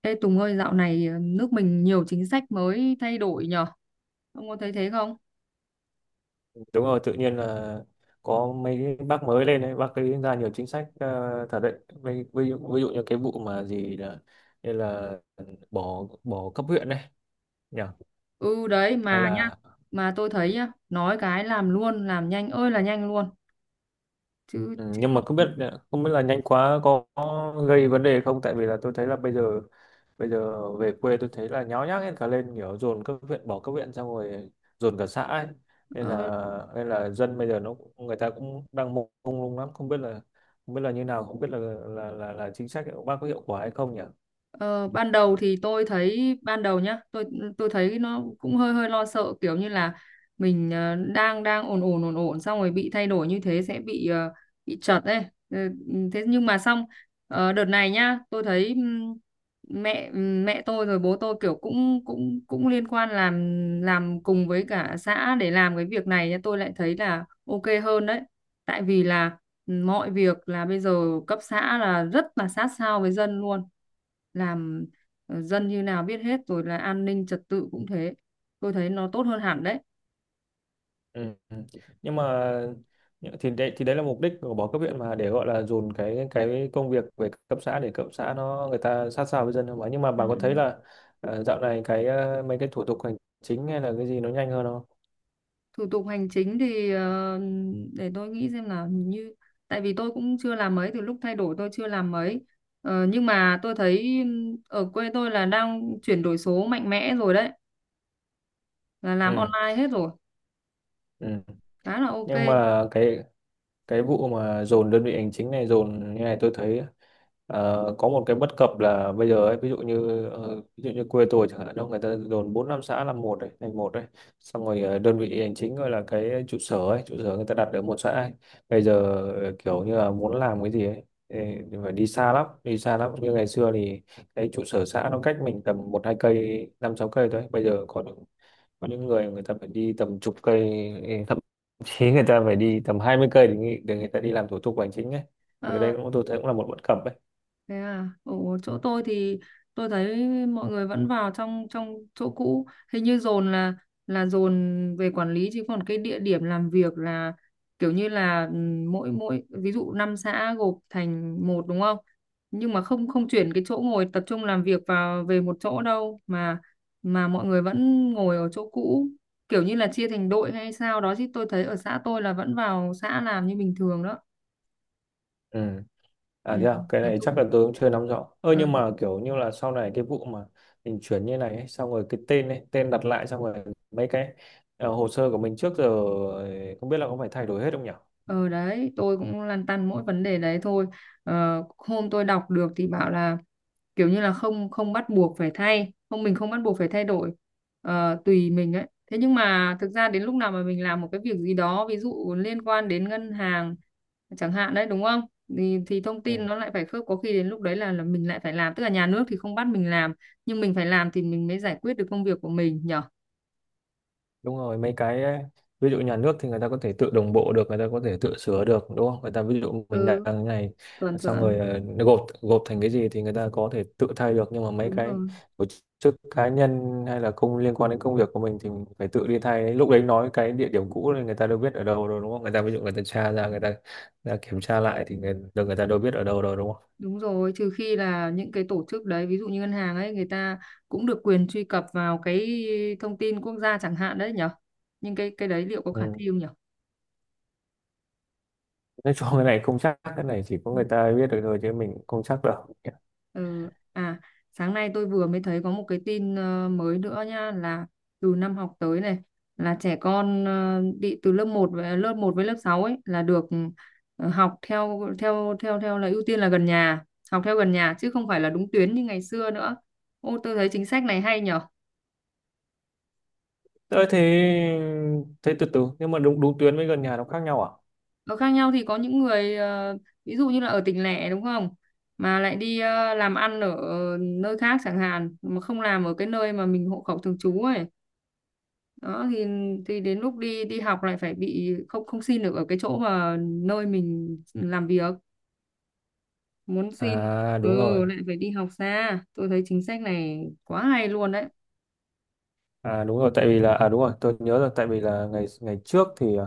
Ê Tùng ơi, dạo này nước mình nhiều chính sách mới thay đổi nhở? Ông có thấy thế không? Đúng rồi, tự nhiên là có mấy cái bác mới lên đấy, bác ấy ra nhiều chính sách thật đấy. Ví dụ như cái vụ mà gì là, như là bỏ bỏ cấp huyện này nhỉ, Ừ đấy hay mà nhá, là. mà tôi thấy nhá, nói cái làm luôn, làm nhanh ơi là nhanh luôn. Chứ Ừ, chứ nhưng mà không. không biết là nhanh quá có gây vấn đề không, tại vì là tôi thấy là bây giờ về quê tôi thấy là nháo nhác hết cả lên, kiểu dồn các huyện, bỏ các huyện xong rồi dồn cả xã ấy. nên ờ, là nên là dân bây giờ người ta cũng đang mông mông lung lắm, không biết là như nào, không biết là là chính sách của bác có hiệu quả hay không nhỉ? Ờ, ban đầu thì tôi thấy ban đầu nhá tôi thấy nó cũng hơi hơi lo sợ kiểu như là mình đang đang ổn ổn ổn ổn xong rồi bị thay đổi như thế sẽ bị bị chật ấy. Ừ, thế nhưng mà xong đợt này nhá tôi thấy mẹ, mẹ tôi rồi bố tôi kiểu cũng cũng cũng liên quan làm cùng với cả xã để làm cái việc này nhá tôi lại thấy là ok hơn đấy. Tại vì là mọi việc là bây giờ cấp xã là rất là sát sao với dân luôn. Làm dân như nào biết hết rồi, là an ninh trật tự cũng thế, tôi thấy nó tốt hơn hẳn đấy. Ừ. Ừ. nhưng mà thì đấy là mục đích của bỏ cấp huyện, mà để gọi là dồn cái công việc về cấp xã để cấp xã nó người ta sát sao với dân, không ạ? Nhưng mà Ừ, bà có thấy ừ. là dạo này cái, mấy cái thủ tục hành chính hay là cái gì nó nhanh hơn không? Thủ tục hành chính thì để tôi nghĩ xem là hình như, tại vì tôi cũng chưa làm mấy, từ lúc thay đổi tôi chưa làm mấy. Ờ, nhưng mà tôi thấy ở quê tôi là đang chuyển đổi số mạnh mẽ rồi đấy, là làm Ừ. online hết rồi, Ừ. khá là ok. Nhưng mà cái vụ mà dồn đơn vị hành chính này, dồn như này tôi thấy có một cái bất cập là bây giờ ấy, ví dụ như ví dụ như quê tôi chẳng hạn, đâu người ta dồn bốn năm xã làm một đấy, thành một đấy. Xong rồi đơn vị hành chính gọi là cái trụ sở ấy, trụ sở người ta đặt ở một xã ấy. Bây giờ kiểu như là muốn làm cái gì ấy thì thì phải đi xa lắm, đi xa lắm. Như ngày xưa thì cái trụ sở xã nó cách mình tầm một hai cây, năm sáu cây thôi, bây giờ có những người, người ta phải đi tầm chục cây, thậm chí người ta phải đi tầm 20 cây để người ta đi làm thủ tục hành chính ấy. Thì cái đây Ờ. cũng, tôi thấy cũng là một bất cập ấy. Thế à, ở chỗ tôi thì tôi thấy mọi người vẫn vào trong trong chỗ cũ, hình như dồn là dồn về quản lý, chứ còn cái địa điểm làm việc là kiểu như là, mỗi mỗi ví dụ 5 xã gộp thành một đúng không? Nhưng mà không, không chuyển cái chỗ ngồi tập trung làm việc vào về một chỗ đâu, mà mọi người vẫn ngồi ở chỗ cũ, kiểu như là chia thành đội hay sao đó, chứ tôi thấy ở xã tôi là vẫn vào xã làm như bình thường đó. Ừ. Ừ, À thế à? Cái nói này chung chắc là tôi cũng chưa nắm rõ. Ơ ờ, nhưng mà kiểu như là sau này cái vụ mà mình chuyển như này ấy, xong rồi cái tên ấy, tên đặt lại, xong rồi mấy cái hồ sơ của mình trước giờ không biết là có phải thay đổi hết không nhỉ? ờ đấy, tôi cũng lăn tăn mỗi vấn đề đấy thôi. Ờ, hôm tôi đọc được thì bảo là kiểu như là không, không bắt buộc phải thay, không mình không bắt buộc phải thay đổi, tùy mình ấy. Thế nhưng mà thực ra đến lúc nào mà mình làm một cái việc gì đó, ví dụ liên quan đến ngân hàng chẳng hạn đấy đúng không? Thì thông tin Ừ. nó lại phải khớp, có khi đến lúc đấy là mình lại phải làm, tức là nhà nước thì không bắt mình làm, nhưng mình phải làm thì mình mới giải quyết được công việc của mình nhở? Đúng rồi, mấy cái ví dụ nhà nước thì người ta có thể tự đồng bộ được, người ta có thể tự sửa được đúng không? Người ta ví dụ mình đặt Ừ, cái này, chuẩn xong chuẩn, rồi nó gộp gộp thành cái gì thì người ta có thể tự thay được. Nhưng mà mấy đúng cái rồi. tổ chức cá nhân hay là công liên quan đến công việc của mình thì mình phải tự đi thay, lúc đấy nói cái địa điểm cũ thì người ta đâu biết ở đâu rồi đúng không? Người ta ví dụ người ta tra ra, người ta kiểm tra lại thì người ta đâu biết ở đâu rồi đúng không? Đúng rồi, trừ khi là những cái tổ chức đấy, ví dụ như ngân hàng ấy, người ta cũng được quyền truy cập vào cái thông tin quốc gia chẳng hạn đấy nhở. Nhưng cái đấy liệu có khả Ừ. thi không nhở? Nói chung cái này không chắc, cái này chỉ có người ta biết được thôi chứ mình không chắc đâu. Ừ. À, sáng nay tôi vừa mới thấy có một cái tin mới nữa nha là từ năm học tới này là trẻ con đi từ lớp một với lớp một với lớp 6 ấy là được học theo theo theo theo là ưu tiên là gần nhà, học theo gần nhà chứ không phải là đúng tuyến như ngày xưa nữa. Ô tôi thấy chính sách này hay nhở. Thế thế thế từ từ, nhưng mà đúng đúng tuyến với gần nhà nó khác nhau à? Nó khác nhau, thì có những người ví dụ như là ở tỉnh lẻ đúng không, mà lại đi làm ăn ở nơi khác chẳng hạn, mà không làm ở cái nơi mà mình hộ khẩu thường trú ấy, đó thì đến lúc đi đi học lại phải bị, không không xin được ở cái chỗ mà nơi mình làm việc muốn xin. À đúng rồi. Ừ, lại phải đi học xa, tôi thấy chính sách này quá hay luôn đấy. À đúng rồi tại vì là à đúng rồi, tôi nhớ rồi, tại vì là ngày ngày trước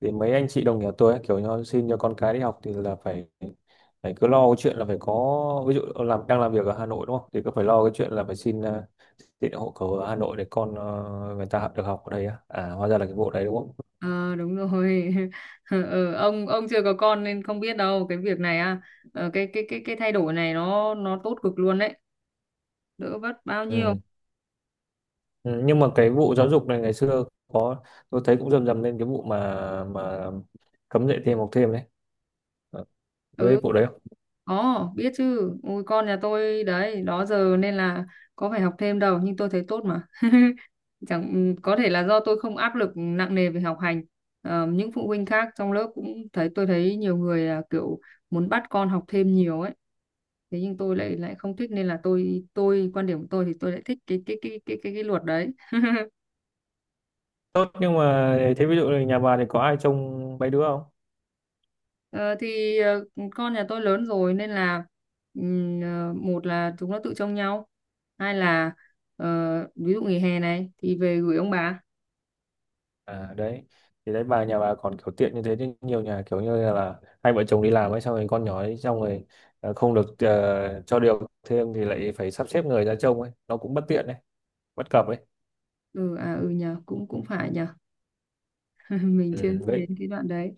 thì mấy anh chị đồng nghiệp tôi ấy, kiểu như xin cho con cái đi học thì là phải phải cứ lo cái chuyện là phải có, ví dụ làm, đang làm việc ở Hà Nội đúng không? Thì cứ phải lo cái chuyện là phải xin tiện hộ khẩu ở Hà Nội để con người ta học được, học ở đây á. À hóa ra là cái vụ đấy đúng không? Ờ đúng rồi. Ừ, ông chưa có con nên không biết đâu cái việc này à, cái thay đổi này nó tốt cực luôn đấy, đỡ vất bao nhiêu. Ừ. Ừ, nhưng mà cái vụ giáo dục này ngày xưa có tôi thấy cũng rầm rầm lên cái vụ mà mà cấm dạy thêm học thêm đấy. Ờ, với Ừ, vụ đấy không? có biết chứ, ui con nhà tôi đấy đó giờ nên là có phải học thêm đâu, nhưng tôi thấy tốt mà. Chẳng, ừ, có thể là do tôi không áp lực nặng nề về học hành. Ờ, những phụ huynh khác trong lớp cũng thấy, tôi thấy nhiều người là kiểu muốn bắt con học thêm nhiều ấy, thế nhưng tôi lại, lại không thích, nên là tôi quan điểm của tôi thì tôi lại thích cái cái luật đấy. Tốt, nhưng mà thế ví dụ là nhà bà thì có ai trông mấy đứa không? Ờ, thì con nhà tôi lớn rồi nên là, một là chúng nó tự trông nhau, hai là ờ, ví dụ nghỉ hè này thì về gửi ông bà. À đấy, thì đấy bà, nhà bà còn kiểu tiện như thế, chứ nhiều nhà kiểu như là hai vợ chồng đi làm ấy, xong rồi con nhỏ ấy, xong rồi không được, cho điều thêm thì lại phải sắp xếp người ra trông ấy, nó cũng bất tiện đấy, bất cập ấy. Ừ à ừ nhờ, cũng cũng phải nhờ. Mình chưa ừ, nghĩ với đến cái đoạn đấy.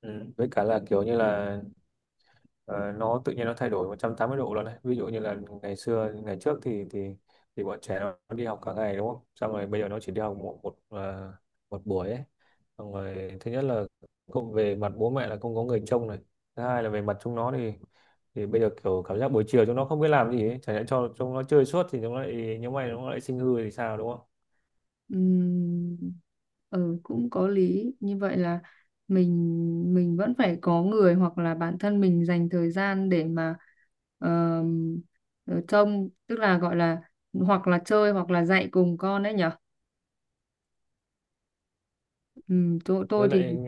ừ, với cả là kiểu như là Ờ, nó tự nhiên nó thay đổi 180 độ luôn đấy. Ví dụ như là ngày trước thì thì bọn trẻ nó đi học cả ngày đúng không, xong rồi bây giờ nó chỉ đi học một một ờ, một buổi ấy. Xong rồi thứ nhất là không về mặt bố mẹ là không có người trông này, thứ hai là về mặt chúng nó thì bây giờ kiểu cảm giác buổi chiều chúng nó không biết làm gì ấy. Chẳng nhẽ cho chúng nó chơi suốt thì chúng nó lại, những mày nó lại sinh hư thì sao đúng không? Ừm, ừ cũng có lý, như vậy là mình vẫn phải có người hoặc là bản thân mình dành thời gian để mà ờm, trông, tức là gọi là hoặc là chơi hoặc là dạy cùng con đấy nhỉ. Ừ, tôi Với lại thì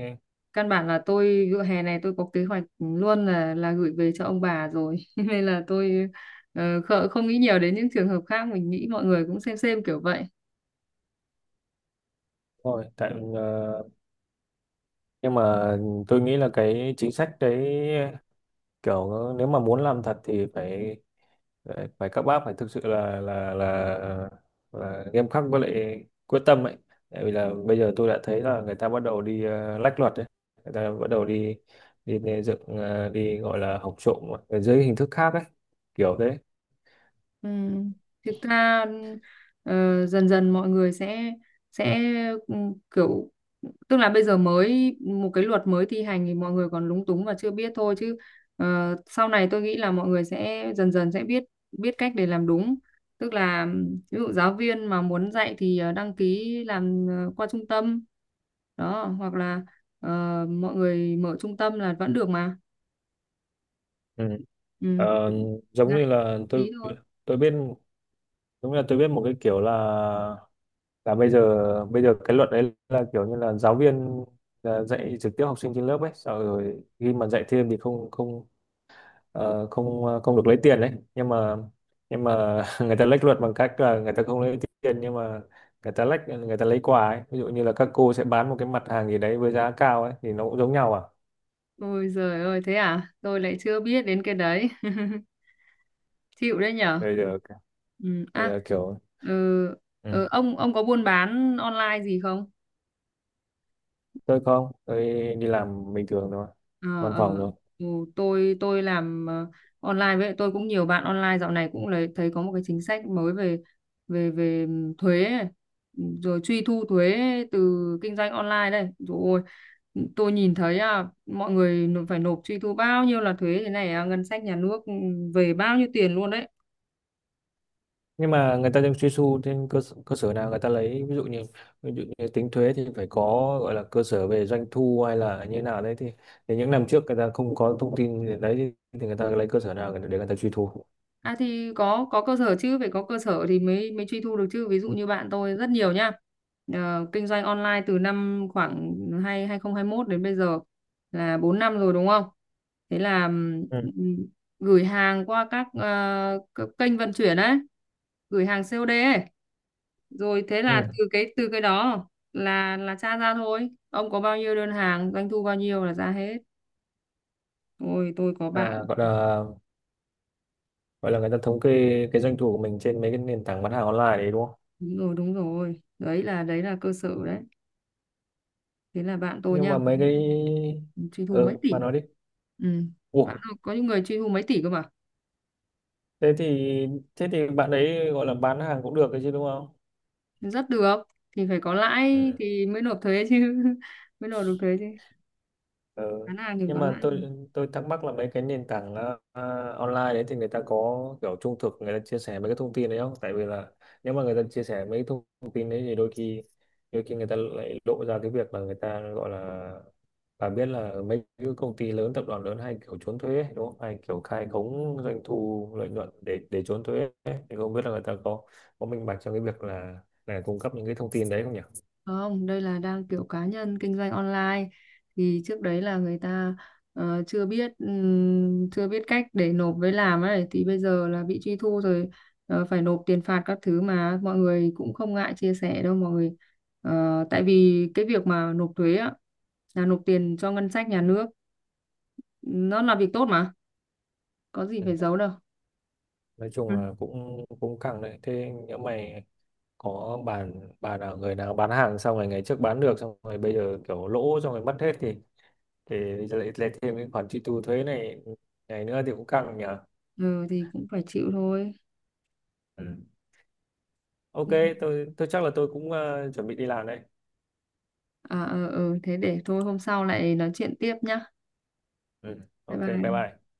căn bản là tôi vụ hè này tôi có kế hoạch luôn là gửi về cho ông bà rồi. Nên là tôi không nghĩ nhiều đến những trường hợp khác, mình nghĩ mọi người cũng xem kiểu vậy. thôi, nhưng mà tôi nghĩ là cái chính sách đấy, kiểu nếu mà muốn làm thật thì phải phải phải các bác phải thực sự là là nghiêm khắc với lại quyết tâm ấy. Tại vì là bây giờ tôi đã thấy là người ta bắt đầu đi lách luật ấy, người ta bắt đầu đi đi, đi dựng ờ, đi gọi là học trộm ở dưới hình thức khác ấy, kiểu thế. Ừ. Thực ra ừ, ờ, dần dần mọi người sẽ ừ, kiểu, tức là bây giờ mới một cái luật mới thi hành thì mọi người còn lúng túng và chưa biết thôi, chứ sau này tôi nghĩ là mọi người sẽ dần dần sẽ biết, biết cách để làm đúng, tức là ví dụ giáo viên mà muốn dạy thì đăng ký làm qua trung tâm đó, hoặc là ờ, mọi người mở trung tâm là vẫn được mà. Ừ. Ừ. Ờ, giống Dạy như là tôi tí thôi. tôi biết Giống như là tôi biết một cái kiểu là bây giờ cái luật đấy là kiểu như là giáo viên là dạy trực tiếp học sinh trên lớp ấy, sau rồi khi mà dạy thêm thì không không ờ, không ờ, không được lấy tiền đấy. Nhưng mà người ta lách luật bằng cách là người ta không lấy tiền, nhưng mà người ta lách, người ta lấy quà ấy, ví dụ như là các cô sẽ bán một cái mặt hàng gì đấy với giá cao ấy thì nó cũng giống nhau à. Ôi giời ơi thế à, tôi lại chưa biết đến cái đấy. Chịu đấy nhở. Bây giờ Ừ. bây À. giờ kiểu. Ừ. Ừ. Ừ. Ông có buôn bán online gì không? Tôi không, tôi đi làm bình thường thôi, Ờ văn ờ. phòng thôi. Ừ. tôi làm online, với tôi cũng nhiều bạn online, dạo này cũng lấy thấy có một cái chính sách mới về về về thuế ấy. Ừ, rồi truy thu thuế từ kinh doanh online đây rồi, tôi nhìn thấy à, mọi người phải nộp truy thu bao nhiêu là thuế thế này à, ngân sách nhà nước ừ, về bao nhiêu tiền luôn đấy. Nhưng mà người ta đang truy thu trên cơ sở nào người ta lấy, ví dụ như tính thuế thì phải có gọi là cơ sở về doanh thu hay là như thế nào đấy, thì những năm trước người ta không có thông tin để đấy, thì người ta lấy cơ sở nào để người ta truy thu? À thì có cơ sở chứ, phải có cơ sở thì mới mới truy thu được chứ. Ví dụ như bạn tôi rất nhiều nhá. Ờ, kinh doanh online từ năm khoảng hai 2021 đến bây giờ là 4 năm rồi đúng không? Thế là Ừ. ừm, gửi hàng qua các các kênh vận chuyển ấy, gửi hàng COD ấy. Rồi thế là Ừ. từ cái đó là tra ra thôi. Ông có bao nhiêu đơn hàng, doanh thu bao nhiêu là ra hết. Ôi tôi có À, bạn. gọi là người ta thống kê cái doanh thu của mình trên mấy cái nền tảng bán hàng online đấy đúng không? Đúng rồi, đúng rồi. Đấy là cơ sở đấy. Thế là bạn tôi Nhưng nha mà có mấy cái. truy thu Ừ, mấy tỷ. bà nói đi. Ừ. Bạn Ủa, tôi có những người truy thu mấy tỷ cơ mà. thế thì thế thì bạn ấy gọi là bán hàng cũng được đấy chứ đúng không? Rất được, thì phải có lãi Ừ. thì mới nộp thuế chứ. Mới nộp được thuế chứ, Ừ. bán hàng thì Nhưng có mà lãi. tôi thắc mắc là mấy cái nền tảng online đấy thì người ta có kiểu trung thực người ta chia sẻ mấy cái thông tin đấy không? Tại vì là nếu mà người ta chia sẻ mấy cái thông thông tin đấy thì đôi khi người ta lại lộ ra cái việc là người ta gọi là, bà biết là mấy cái công ty lớn, tập đoàn lớn hay kiểu trốn thuế ấy, đúng không? Hay kiểu khai khống doanh thu lợi nhuận để trốn thuế ấy. Thì không biết là người ta có minh bạch trong cái việc là cung cấp những cái thông tin đấy không nhỉ? Không, đây là đang kiểu cá nhân kinh doanh online, thì trước đấy là người ta chưa biết chưa biết cách để nộp với làm ấy, thì bây giờ là bị truy thu rồi, phải nộp tiền phạt các thứ, mà mọi người cũng không ngại chia sẻ đâu mọi người. Ờ, tại vì cái việc mà nộp thuế á là nộp tiền cho ngân sách nhà nước, nó là việc tốt mà, có gì Ừ. phải giấu đâu. Nói chung Ừ. là cũng cũng căng đấy. Thế nhỡ mày có bạn bạn nào, người nào bán hàng xong rồi ngày trước bán được, xong rồi bây giờ kiểu lỗ xong rồi mất hết thì lại lại thêm cái khoản truy thu thuế này này nữa thì cũng căng nhỉ. Ừ, thì cũng phải chịu thôi. Ừ. OK, tôi chắc là tôi cũng chuẩn bị đi làm đấy. À ờ ừ, thế để thôi hôm sau lại nói chuyện tiếp nhá. Ừ. Bye OK, bye bye. bye.